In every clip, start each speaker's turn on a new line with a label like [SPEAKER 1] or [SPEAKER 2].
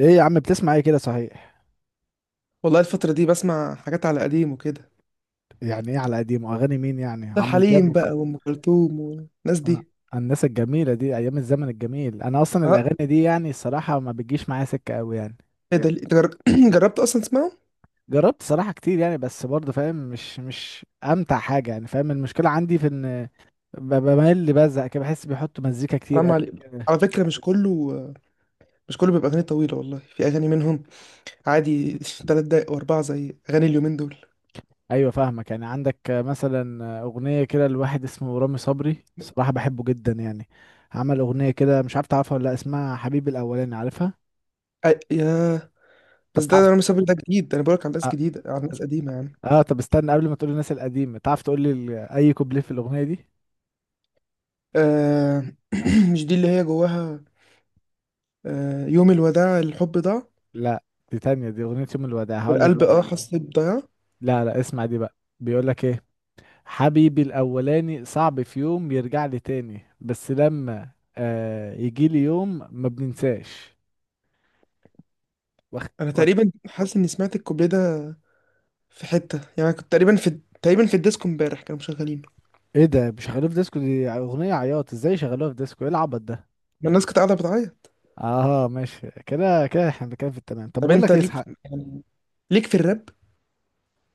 [SPEAKER 1] ايه يا عم، بتسمع ايه كده؟ صحيح،
[SPEAKER 2] والله الفترة دي بسمع حاجات على قديم وكده.
[SPEAKER 1] يعني ايه على قديمه؟ اغاني مين يعني؟
[SPEAKER 2] ده
[SPEAKER 1] عمرو دياب
[SPEAKER 2] الحليم بقى وأم كلثوم والناس
[SPEAKER 1] آه،
[SPEAKER 2] دي.
[SPEAKER 1] الناس الجميله دي ايام الزمن الجميل. انا اصلا
[SPEAKER 2] اه.
[SPEAKER 1] الاغاني دي يعني الصراحه ما بتجيش معايا سكه قوي يعني.
[SPEAKER 2] ايه ده ليه؟ جربت أصلا تسمعه؟
[SPEAKER 1] جربت صراحه كتير يعني، بس برضه فاهم. مش امتع حاجه يعني. فاهم المشكله عندي في ان بميل اللي بزهق كده. بحس بيحطوا مزيكا كتير
[SPEAKER 2] حرام
[SPEAKER 1] قوي
[SPEAKER 2] عليك.
[SPEAKER 1] كده.
[SPEAKER 2] على فكرة مش كله بيبقى أغاني طويلة، والله في أغاني منهم عادي 3 دقايق وأربعة زي أغاني اليومين دول.
[SPEAKER 1] ايوه فاهمك. يعني عندك مثلا اغنيه كده لواحد اسمه رامي صبري، صراحه بحبه جدا يعني. عمل اغنيه كده مش عارف تعرفها ولا لأ، اسمها حبيبي الاولاني. عارفها؟
[SPEAKER 2] ياه.
[SPEAKER 1] طب
[SPEAKER 2] بس
[SPEAKER 1] تعرف.
[SPEAKER 2] ده أنا مسافر، ده جديد، ده أنا بقولك على ناس
[SPEAKER 1] آه،
[SPEAKER 2] جديدة على ناس قديمة يعني.
[SPEAKER 1] اه طب استنى قبل ما تقول الناس القديمة، تعرف تقول لي اي كوبليه في الأغنية دي؟
[SPEAKER 2] آه. مش دي اللي هي جواها. آه يوم الوداع الحب ضاع،
[SPEAKER 1] لا، دي تانية، دي أغنية يوم الوداع هقول لك
[SPEAKER 2] والقلب
[SPEAKER 1] بقى.
[SPEAKER 2] حس بضياع.
[SPEAKER 1] لا لا، اسمع دي بقى، بيقول لك ايه: حبيبي الأولاني صعب في يوم يرجع لي تاني، بس لما آه يجي لي يوم ما بننساش. وخ...
[SPEAKER 2] أنا
[SPEAKER 1] وخ...
[SPEAKER 2] تقريبا حاسس إني سمعت الكوبليه ده في حتة، يعني كنت تقريبا في الديسكو امبارح كانوا مشغلينه.
[SPEAKER 1] ايه ده؟ مش شغالوها في ديسكو؟ دي أغنية عياط، ازاي شغالوها في ديسكو؟ ايه العبط ده؟
[SPEAKER 2] ما الناس كانت قاعدة بتعيط.
[SPEAKER 1] اه ماشي كده كده، احنا بنتكلم في التمام. طب
[SPEAKER 2] طب
[SPEAKER 1] بقول
[SPEAKER 2] انت
[SPEAKER 1] لك ايه
[SPEAKER 2] ليك،
[SPEAKER 1] اسحاق،
[SPEAKER 2] يعني ليك في الراب؟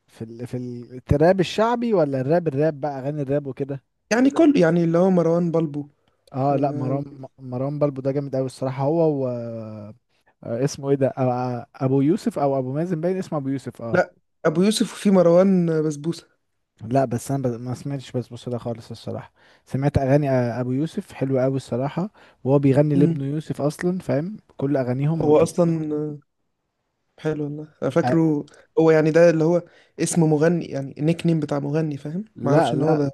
[SPEAKER 1] في الراب الشعبي ولا الراب بقى اغاني الراب وكده.
[SPEAKER 2] يعني كل يعني اللي هو مروان بلبو
[SPEAKER 1] اه
[SPEAKER 2] و...
[SPEAKER 1] لا، مروان بلبو ده جامد قوي الصراحه هو و اسمه ايه ده ابو يوسف او ابو مازن. باين اسمه ابو يوسف اه.
[SPEAKER 2] لا. ابو يوسف وفي مروان بسبوسة.
[SPEAKER 1] لا بس انا ما سمعتش بسبوسه ده خالص الصراحه. سمعت اغاني ابو يوسف حلوه قوي الصراحه. وهو بيغني
[SPEAKER 2] مم.
[SPEAKER 1] لابنه يوسف اصلا، فاهم؟ كل اغانيهم
[SPEAKER 2] هو
[SPEAKER 1] بتبقى
[SPEAKER 2] اصلا حلو والله، انا
[SPEAKER 1] آه،
[SPEAKER 2] فاكره. هو يعني ده اللي هو اسم مغني، يعني النيك نيم بتاع مغني، فاهم؟ ما
[SPEAKER 1] لا
[SPEAKER 2] اعرفش ان هو
[SPEAKER 1] لا
[SPEAKER 2] ده.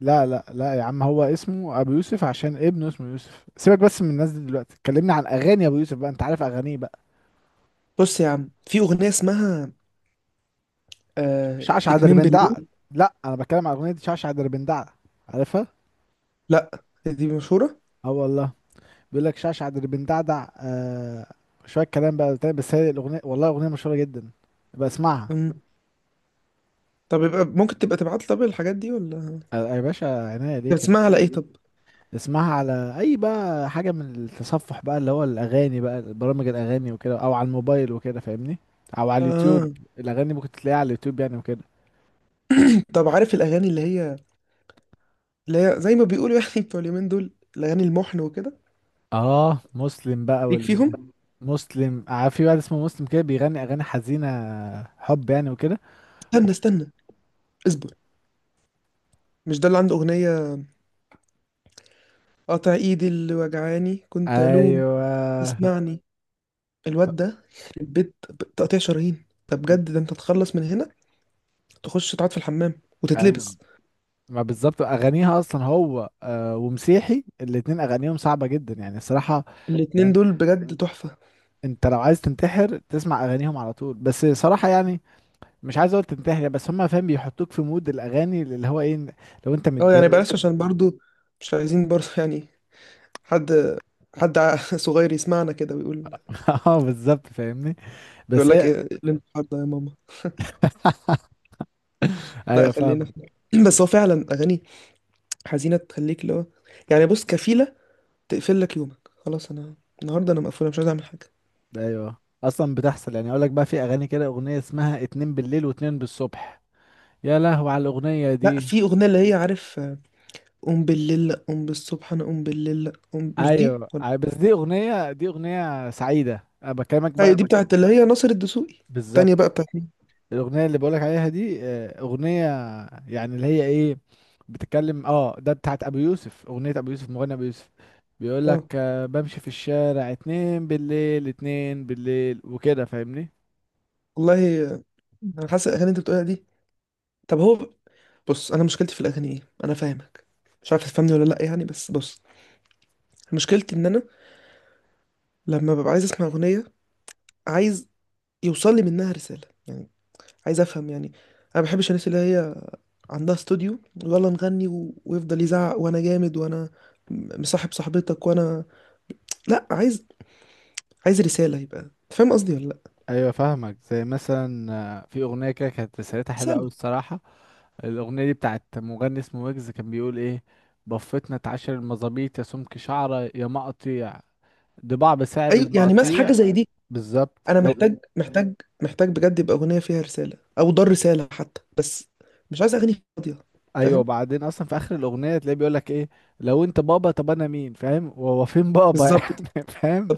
[SPEAKER 1] لا لا لا يا عم، هو اسمه ابو يوسف عشان ابنه اسمه يوسف. سيبك بس من الناس دي دلوقتي، كلمني عن اغاني ابو يوسف بقى. انت عارف اغانيه بقى؟
[SPEAKER 2] بص يا عم، في اغنية اسمها
[SPEAKER 1] شعشع
[SPEAKER 2] اتنين
[SPEAKER 1] دربندع.
[SPEAKER 2] بالليل.
[SPEAKER 1] لا انا بتكلم عن اغنيه شعشع دربندع، عارفها؟
[SPEAKER 2] لا، دي مشهورة.
[SPEAKER 1] اه والله، بيقول لك شعشع اللي بندعدع آه، شويه كلام بقى تاني. بس هي الاغنيه والله اغنيه مشهوره جدا، يبقى اسمعها.
[SPEAKER 2] مم. طب يبقى ممكن تبقى تبعت لي طب الحاجات دي ولا؟
[SPEAKER 1] آه، يا باشا عينيا ليك انت.
[SPEAKER 2] بتسمعها على ايه طب؟
[SPEAKER 1] اسمعها على اي بقى حاجه، من التصفح بقى، اللي هو الاغاني بقى، برامج الاغاني وكده، او على الموبايل وكده فاهمني، او على اليوتيوب.
[SPEAKER 2] اه.
[SPEAKER 1] الاغاني ممكن تلاقيها على اليوتيوب يعني وكده.
[SPEAKER 2] طب عارف الاغاني اللي هي زي ما بيقولوا، يعني بتوع اليومين دول، الاغاني المحن وكده؟
[SPEAKER 1] اه مسلم بقى.
[SPEAKER 2] ليك فيهم؟
[SPEAKER 1] والمسلم في واحد اسمه مسلم كده بيغني اغاني حزينه، حب يعني وكده.
[SPEAKER 2] استنى استنى اصبر، مش ده اللي عنده اغنيه قاطع ايدي اللي وجعاني كنت الوم؟
[SPEAKER 1] ايوه.
[SPEAKER 2] اسمعني، الواد ده يخرب بيت، تقطيع شرايين، ده بجد، ده انت تخلص من هنا تخش تقعد في الحمام
[SPEAKER 1] ايوه،
[SPEAKER 2] وتتلبس.
[SPEAKER 1] ما بالظبط اغانيها اصلا. هو ومسيحي الاتنين اغانيهم صعبه جدا يعني الصراحه.
[SPEAKER 2] الاتنين
[SPEAKER 1] ده
[SPEAKER 2] دول بجد تحفه.
[SPEAKER 1] انت لو عايز تنتحر تسمع اغانيهم على طول، بس صراحه يعني مش عايز اقول تنتحر، بس هم فاهم بيحطوك في مود الاغاني اللي هو ايه، لو انت
[SPEAKER 2] اه يعني
[SPEAKER 1] متضايق.
[SPEAKER 2] بلاش عشان برضو مش عايزين برضو يعني حد حد صغير يسمعنا كده ويقول،
[SPEAKER 1] اه بالظبط فاهمني،
[SPEAKER 2] يقول
[SPEAKER 1] بس
[SPEAKER 2] لك
[SPEAKER 1] هي.
[SPEAKER 2] ايه اللي انت، ده يا ماما. لا
[SPEAKER 1] ايوه
[SPEAKER 2] خلينا في
[SPEAKER 1] فاهمك.
[SPEAKER 2] بس هو فعلا اغاني حزينه تخليك اللي هو، يعني بص، كفيله تقفل لك يومك خلاص. انا النهارده انا مقفوله، مش عايز اعمل حاجه.
[SPEAKER 1] ايوه، اصلا بتحصل. يعني اقول لك بقى، في اغاني كده اغنيه اسمها اتنين بالليل واتنين بالصبح، يا لهو على الاغنيه
[SPEAKER 2] لا،
[SPEAKER 1] دي.
[SPEAKER 2] في اغنيه اللي هي، عارف، قوم بالليل لأ، قوم بالصبح انا قوم بالليل لأ، قوم، مش دي
[SPEAKER 1] ايوه
[SPEAKER 2] ولا؟
[SPEAKER 1] بس دي اغنيه سعيده انا بكلمك بقى.
[SPEAKER 2] ايوه، دي بتاعت اللي هي ناصر الدسوقي. التانية بقى
[SPEAKER 1] بالظبط.
[SPEAKER 2] بتاعت مين؟
[SPEAKER 1] الاغنيه اللي بقولك عليها دي اغنيه يعني اللي هي ايه، بتتكلم ده بتاعت ابو يوسف. اغنيه ابو يوسف، مغني ابو يوسف، بيقولك
[SPEAKER 2] اه
[SPEAKER 1] بمشي في الشارع، اتنين بالليل اتنين بالليل وكده فاهمني.
[SPEAKER 2] والله. انا حاسس الاغاني اللي انت بتقولها دي، طب هو، بص انا مشكلتي في الاغاني ايه، انا فاهمك. مش عارف تفهمني ولا لا يعني، بس بص، مشكلتي ان انا لما ببقى عايز اسمع اغنيه، عايز يوصل لي منها رساله يعني، عايز افهم يعني. انا ما بحبش الناس اللي هي عندها استوديو، يلا نغني و... ويفضل يزعق وانا جامد وانا مصاحب صاحبتك وانا لا، عايز، عايز رسالة، يبقى أنت فاهم قصدي ولا لا؟
[SPEAKER 1] ايوه فاهمك. زي مثلا في اغنيه كده كانت رسالتها حلوه قوي
[SPEAKER 2] رسالة.
[SPEAKER 1] الصراحه. الاغنيه دي بتاعت مغني اسمه ويجز، كان بيقول ايه: بفتنا اتعشر المظابيط يا سمك شعره يا مقاطيع، ضباع بسعر
[SPEAKER 2] ايوه يعني مثلا حاجة
[SPEAKER 1] المقاطيع.
[SPEAKER 2] زي دي.
[SPEAKER 1] بالظبط.
[SPEAKER 2] انا محتاج بجد يبقى اغنية فيها رسالة او دار رسالة حتى، بس مش عايز اغاني فاضية.
[SPEAKER 1] ايوه،
[SPEAKER 2] فاهم.
[SPEAKER 1] وبعدين اصلا في اخر الاغنيه تلاقيه بيقول لك ايه: لو انت بابا طب انا مين، فاهم؟ وهو فين بابا
[SPEAKER 2] بالظبط
[SPEAKER 1] يعني، فاهم؟
[SPEAKER 2] طب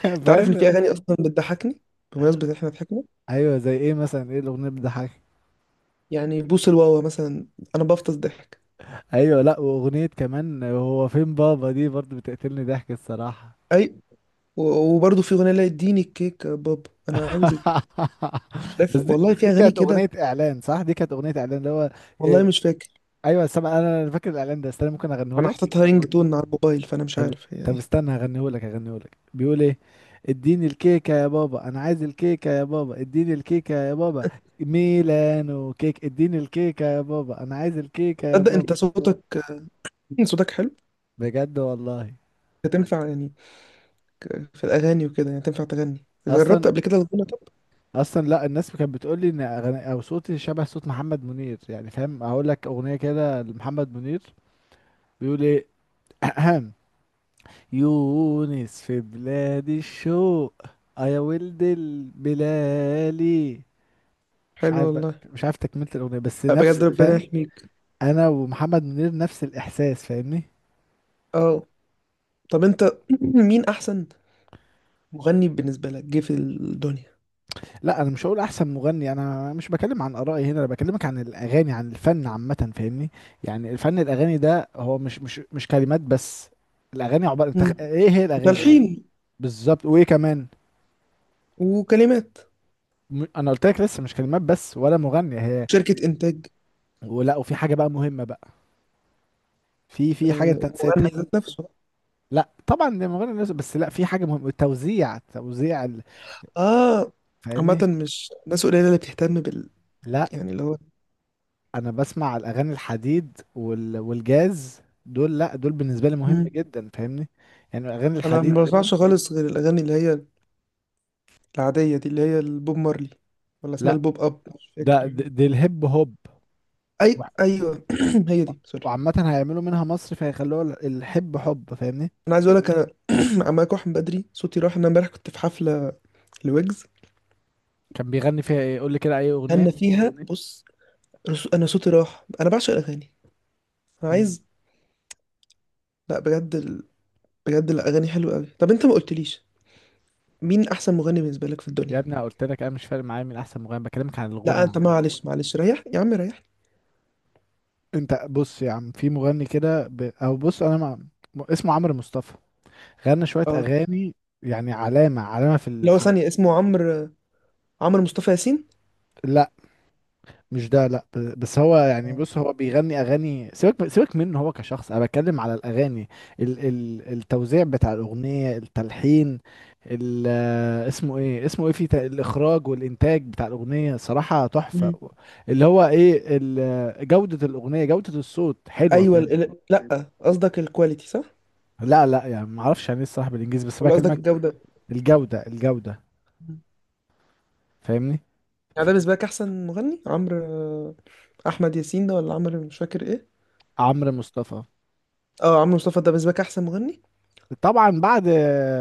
[SPEAKER 2] انت عارف ان
[SPEAKER 1] فاهم.
[SPEAKER 2] في اغاني اصلا بتضحكني، بمناسبة إن احنا ضحكنا؟
[SPEAKER 1] ايوه زي ايه مثلا؟ ايه الاغنيه بتضحك؟
[SPEAKER 2] يعني بوس الواوا مثلا، انا بفطس ضحك.
[SPEAKER 1] ايوه، لا واغنيه كمان هو فين بابا دي برضو بتقتلني ضحك الصراحه.
[SPEAKER 2] اي. و- وبرضه في اغنيه لا اديني الكيك يا بابا انا عاوزك. لا،
[SPEAKER 1] بس دي
[SPEAKER 2] والله
[SPEAKER 1] بس
[SPEAKER 2] في
[SPEAKER 1] دي
[SPEAKER 2] اغاني
[SPEAKER 1] كانت
[SPEAKER 2] كده.
[SPEAKER 1] اغنيه اعلان، صح؟ دي كانت اغنيه اعلان اللي هو
[SPEAKER 2] والله
[SPEAKER 1] إيه.
[SPEAKER 2] مش فاكر.
[SPEAKER 1] ايوه سامع، انا فاكر الاعلان ده. استنى ممكن اغنيه
[SPEAKER 2] انا
[SPEAKER 1] لك.
[SPEAKER 2] حاططها رينج تون على الموبايل، فانا مش
[SPEAKER 1] طب،
[SPEAKER 2] عارف هي
[SPEAKER 1] طب
[SPEAKER 2] ايه.
[SPEAKER 1] استنى هغنيهولك بيقول ايه: اديني الكيكة يا بابا، انا عايز الكيكة يا بابا، اديني الكيكة يا بابا، ميلانو كيك. اديني الكيكة يا بابا، انا عايز الكيكة يا
[SPEAKER 2] تصدق
[SPEAKER 1] بابا.
[SPEAKER 2] انت صوتك حلو.
[SPEAKER 1] بجد والله.
[SPEAKER 2] أنت تنفع يعني في الاغاني وكده، يعني تنفع تغني؟ جربت
[SPEAKER 1] اصلا،
[SPEAKER 2] قبل كده الغنى طب؟
[SPEAKER 1] اصلا لا، الناس كانت بتقول لي ان او صوتي شبه صوت محمد منير يعني، فاهم؟ هقول لك اغنية كده لمحمد منير، بيقول ايه: يونس في بلاد الشوق، آه يا ولد البلالي. مش
[SPEAKER 2] حلو
[SPEAKER 1] عارف بقى
[SPEAKER 2] والله.
[SPEAKER 1] مش عارف تكملة الأغنية، بس
[SPEAKER 2] لا،
[SPEAKER 1] نفس،
[SPEAKER 2] بجد ربنا
[SPEAKER 1] فاهم؟
[SPEAKER 2] يحميك.
[SPEAKER 1] أنا ومحمد منير نفس الإحساس فاهمني.
[SPEAKER 2] اه. طب انت مين احسن مغني بالنسبه لك جه في الدنيا؟
[SPEAKER 1] لا أنا مش هقول أحسن مغني، أنا مش بكلم عن آرائي هنا، أنا بكلمك عن الأغاني، عن الفن عامة فاهمني. يعني الفن، الأغاني ده، هو مش كلمات بس. الأغاني عبارة، أنت
[SPEAKER 2] مم.
[SPEAKER 1] إيه هي الأغاني يعني؟
[SPEAKER 2] وتلحين.
[SPEAKER 1] بالظبط، وإيه كمان؟
[SPEAKER 2] وكلمات.
[SPEAKER 1] أنا قلت لك لسه مش كلمات بس ولا مغني هي.
[SPEAKER 2] شركه انتاج.
[SPEAKER 1] ولا، وفي حاجة بقى مهمة بقى، في حاجة أنت نسيتها.
[SPEAKER 2] المغني ذات نفسه.
[SPEAKER 1] لا طبعا ده مغني بس لا، في حاجة مهمة: التوزيع،
[SPEAKER 2] اه. عامة
[SPEAKER 1] فاهمني.
[SPEAKER 2] مش ناس قليلة اللي بتهتم بال،
[SPEAKER 1] لا
[SPEAKER 2] يعني اللي هو.
[SPEAKER 1] انا بسمع الاغاني الحديد والجاز، دول لا دول بالنسبه لي مهم
[SPEAKER 2] مم.
[SPEAKER 1] جدا فاهمني. يعني الاغاني
[SPEAKER 2] انا
[SPEAKER 1] الحديد
[SPEAKER 2] ما بسمعش خالص غير الاغاني اللي هي العادية دي اللي هي البوب مارلي، ولا اسمها
[SPEAKER 1] لا
[SPEAKER 2] البوب اب، مش
[SPEAKER 1] ده دي
[SPEAKER 2] فاكر.
[SPEAKER 1] دي الهيب هوب.
[SPEAKER 2] اي
[SPEAKER 1] وع-
[SPEAKER 2] ايوه هي دي، سوري.
[SPEAKER 1] وعامه هيعملوا منها مصر فهيخلوها الحب حب فاهمني.
[SPEAKER 2] انا عايز اقول لك انا عمال اروح من بدري، صوتي راح، انا امبارح كنت في حفلة لويجز.
[SPEAKER 1] كان بيغني فيها ايه؟ قول لي كده اي اغنيه.
[SPEAKER 2] غنى فيها، بص، انا صوتي راح، انا بعشق الاغاني. انا
[SPEAKER 1] مم.
[SPEAKER 2] عايز، لا بجد بجد الاغاني حلوة قوي. طب انت ما قلتليش مين احسن مغني بالنسبة لك في
[SPEAKER 1] يا
[SPEAKER 2] الدنيا.
[SPEAKER 1] ابني أنا قلت لك، انا مش فارق معايا مين احسن مغني، بكلمك عن الغنى
[SPEAKER 2] لا انت
[SPEAKER 1] عن...
[SPEAKER 2] معلش معلش، ريح يا عم ريح.
[SPEAKER 1] انت بص يا عم، في مغني كده او بص انا اسمه عمرو مصطفى. غنى شويه اغاني يعني علامه علامه
[SPEAKER 2] اللي هو ثانية اسمه عمرو؟ عمرو مصطفى ياسين.
[SPEAKER 1] لا مش ده، لا بس هو يعني، بص هو بيغني اغاني، سيبك سيبك منه هو كشخص، انا بتكلم على الاغاني، ال ال التوزيع بتاع الاغنيه، التلحين، ال آه، اسمه ايه في الاخراج والانتاج بتاع الاغنيه صراحه تحفه.
[SPEAKER 2] مم.
[SPEAKER 1] اللي هو ايه جوده الاغنيه، جوده الصوت حلوه،
[SPEAKER 2] ايوه
[SPEAKER 1] فاهم؟
[SPEAKER 2] لا قصدك الكواليتي صح؟
[SPEAKER 1] لا لا يعني ما اعرفش يعني ايه الصراحه بالانجليزي بس
[SPEAKER 2] ولا قصدك
[SPEAKER 1] بكلمك.
[SPEAKER 2] الجودة؟
[SPEAKER 1] الجوده الجوده،
[SPEAKER 2] مم.
[SPEAKER 1] فاهمني.
[SPEAKER 2] يعني
[SPEAKER 1] ف-
[SPEAKER 2] ده بالنسبة لك احسن مغني، عمرو احمد ياسين ده ولا عمرو مش فاكر ايه؟
[SPEAKER 1] عمرو مصطفى.
[SPEAKER 2] اه عمرو مصطفى ده بالنسبة لك احسن مغني.
[SPEAKER 1] طبعا بعد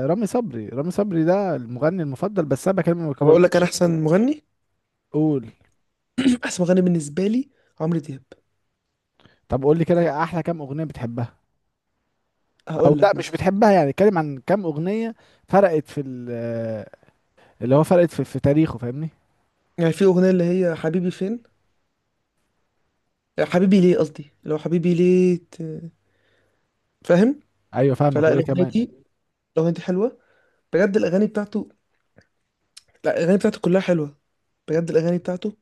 [SPEAKER 1] رامي صبري. رامي صبري ده المغني المفضل، بس انا بكلمك ما
[SPEAKER 2] طب اقول لك انا
[SPEAKER 1] بقولكش.
[SPEAKER 2] احسن مغني؟
[SPEAKER 1] قول.
[SPEAKER 2] احسن مغني بالنسبة لي عمرو دياب.
[SPEAKER 1] طب قول لي كده، احلى كام اغنيه بتحبها، او
[SPEAKER 2] هقول
[SPEAKER 1] لا
[SPEAKER 2] لك
[SPEAKER 1] مش
[SPEAKER 2] مثلا،
[SPEAKER 1] بتحبها يعني، اتكلم عن كام اغنيه فرقت في اللي هو فرقت في تاريخه فاهمني.
[SPEAKER 2] يعني في اغنية اللي هي حبيبي فين، حبيبي ليه، قصدي لو، حبيبي ليه فاهم.
[SPEAKER 1] ايوه فاهمك،
[SPEAKER 2] فلا
[SPEAKER 1] وايه
[SPEAKER 2] الاغنية
[SPEAKER 1] كمان؟
[SPEAKER 2] دي، الاغنية دي حلوة، بجد الاغاني بتاعته. لا الاغاني بتاعته كلها حلوة، بجد الاغاني بتاعته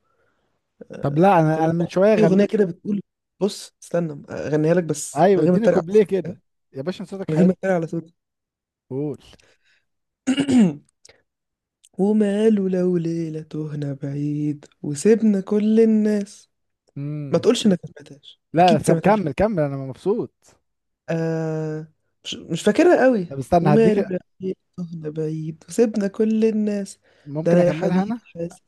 [SPEAKER 1] طب لا، انا
[SPEAKER 2] كلها
[SPEAKER 1] انا من
[SPEAKER 2] تحفة.
[SPEAKER 1] شويه
[SPEAKER 2] في اغنيه
[SPEAKER 1] غنيت
[SPEAKER 2] كده بتقول، بص استنى اغنيها لك بس من
[SPEAKER 1] ايوه
[SPEAKER 2] غير ما
[SPEAKER 1] اديني
[SPEAKER 2] اتريق على
[SPEAKER 1] كوبليه
[SPEAKER 2] صوتي، ها؟
[SPEAKER 1] كده، يا باشا أنا صوتك
[SPEAKER 2] من غير
[SPEAKER 1] حلو.
[SPEAKER 2] ما اتريق على صوتي.
[SPEAKER 1] قول.
[SPEAKER 2] وماله لو ليله تهنا بعيد وسيبنا كل الناس. ما
[SPEAKER 1] امم،
[SPEAKER 2] تقولش انك ما سمعتهاش،
[SPEAKER 1] لا لا،
[SPEAKER 2] اكيد
[SPEAKER 1] طب
[SPEAKER 2] سمعتها قبل كده.
[SPEAKER 1] كمل كمل، انا مبسوط.
[SPEAKER 2] آه. مش فاكرها قوي.
[SPEAKER 1] طب استنى هديك،
[SPEAKER 2] وماله لو ليله تهنا بعيد وسيبنا كل الناس، ده
[SPEAKER 1] ممكن
[SPEAKER 2] انا يا
[SPEAKER 1] اكملها
[SPEAKER 2] حبيبي
[SPEAKER 1] انا.
[SPEAKER 2] حاسس.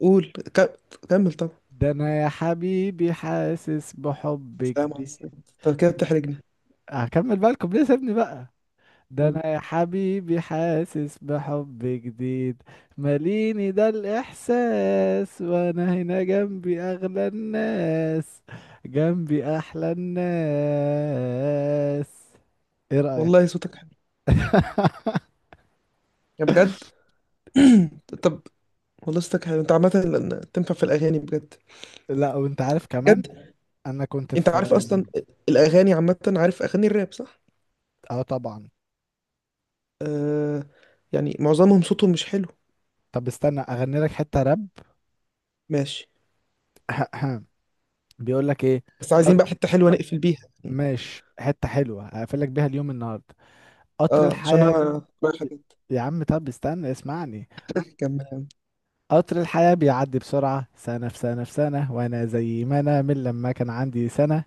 [SPEAKER 2] قول كمل طبعا.
[SPEAKER 1] ده انا يا حبيبي حاسس بحب
[SPEAKER 2] سلام على
[SPEAKER 1] جديد.
[SPEAKER 2] السلامة. انت كده بتحرجني.
[SPEAKER 1] هكمل بقى الكوبليه سيبني بقى: ده
[SPEAKER 2] قول.
[SPEAKER 1] انا يا حبيبي حاسس بحب جديد، ماليني ده الاحساس، وانا هنا جنبي اغلى الناس، جنبي احلى الناس. ايه
[SPEAKER 2] والله
[SPEAKER 1] رأيك؟
[SPEAKER 2] صوتك حلو، يا بجد. طب والله صوتك حلو، انت عامة لأن تنفع في الأغاني بجد.
[SPEAKER 1] لا وانت عارف كمان،
[SPEAKER 2] بجد.
[SPEAKER 1] انا كنت
[SPEAKER 2] انت
[SPEAKER 1] في.
[SPEAKER 2] عارف أصلا الأغاني عامة، عارف أغاني الراب صح؟
[SPEAKER 1] اه طبعا.
[SPEAKER 2] آه. يعني معظمهم صوتهم مش حلو.
[SPEAKER 1] طب استنى اغني لك حتة راب.
[SPEAKER 2] ماشي.
[SPEAKER 1] بيقول لك ايه:
[SPEAKER 2] بس
[SPEAKER 1] قط-
[SPEAKER 2] عايزين بقى حتة حلوة نقفل بيها يعني.
[SPEAKER 1] ماشي حتة حلوة هقفل لك بيها اليوم النهاردة. قطر
[SPEAKER 2] اه عشان
[SPEAKER 1] الحياة،
[SPEAKER 2] انا رايح
[SPEAKER 1] يا عم طب استنى اسمعني.
[SPEAKER 2] كمان.
[SPEAKER 1] قطر الحياة بيعدي بسرعة، سنة في سنة في سنة، وأنا زي ما أنا من لما كان عندي سنة.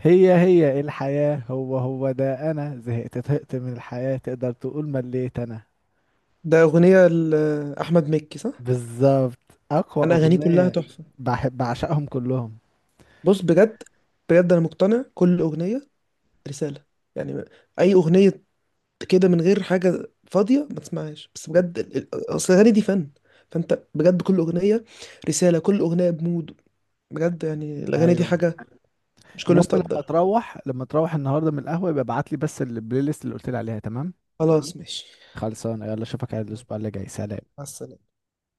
[SPEAKER 1] هي هي الحياة، هو هو ده. أنا زهقت طهقت من الحياة، تقدر تقول مليت أنا.
[SPEAKER 2] ده أغنية لأحمد مكي صح؟
[SPEAKER 1] بالظبط، أقوى
[SPEAKER 2] أنا أغانيه كلها
[SPEAKER 1] أغنية.
[SPEAKER 2] تحفة.
[SPEAKER 1] بحب بعشقهم كلهم.
[SPEAKER 2] بص بجد، بجد أنا مقتنع كل أغنية رسالة، يعني أي أغنية كده من غير حاجة فاضية ما تسمعهاش، بس بجد أصل الأغاني دي فن، فأنت بجد كل أغنية رسالة، كل أغنية بمود، بجد يعني الأغاني دي
[SPEAKER 1] أيوه،
[SPEAKER 2] حاجة مش كل
[SPEAKER 1] المهم،
[SPEAKER 2] الناس
[SPEAKER 1] لما
[SPEAKER 2] تقدرها.
[SPEAKER 1] تروح لما تروح النهاردة من القهوة يبقى ابعت لي بس البلاي ليست اللي قلت لي عليها، تمام؟
[SPEAKER 2] خلاص ماشي.
[SPEAKER 1] خلصانة، يلا أشوفك على الأسبوع اللي جاي، سلام.
[SPEAKER 2] مع السلامة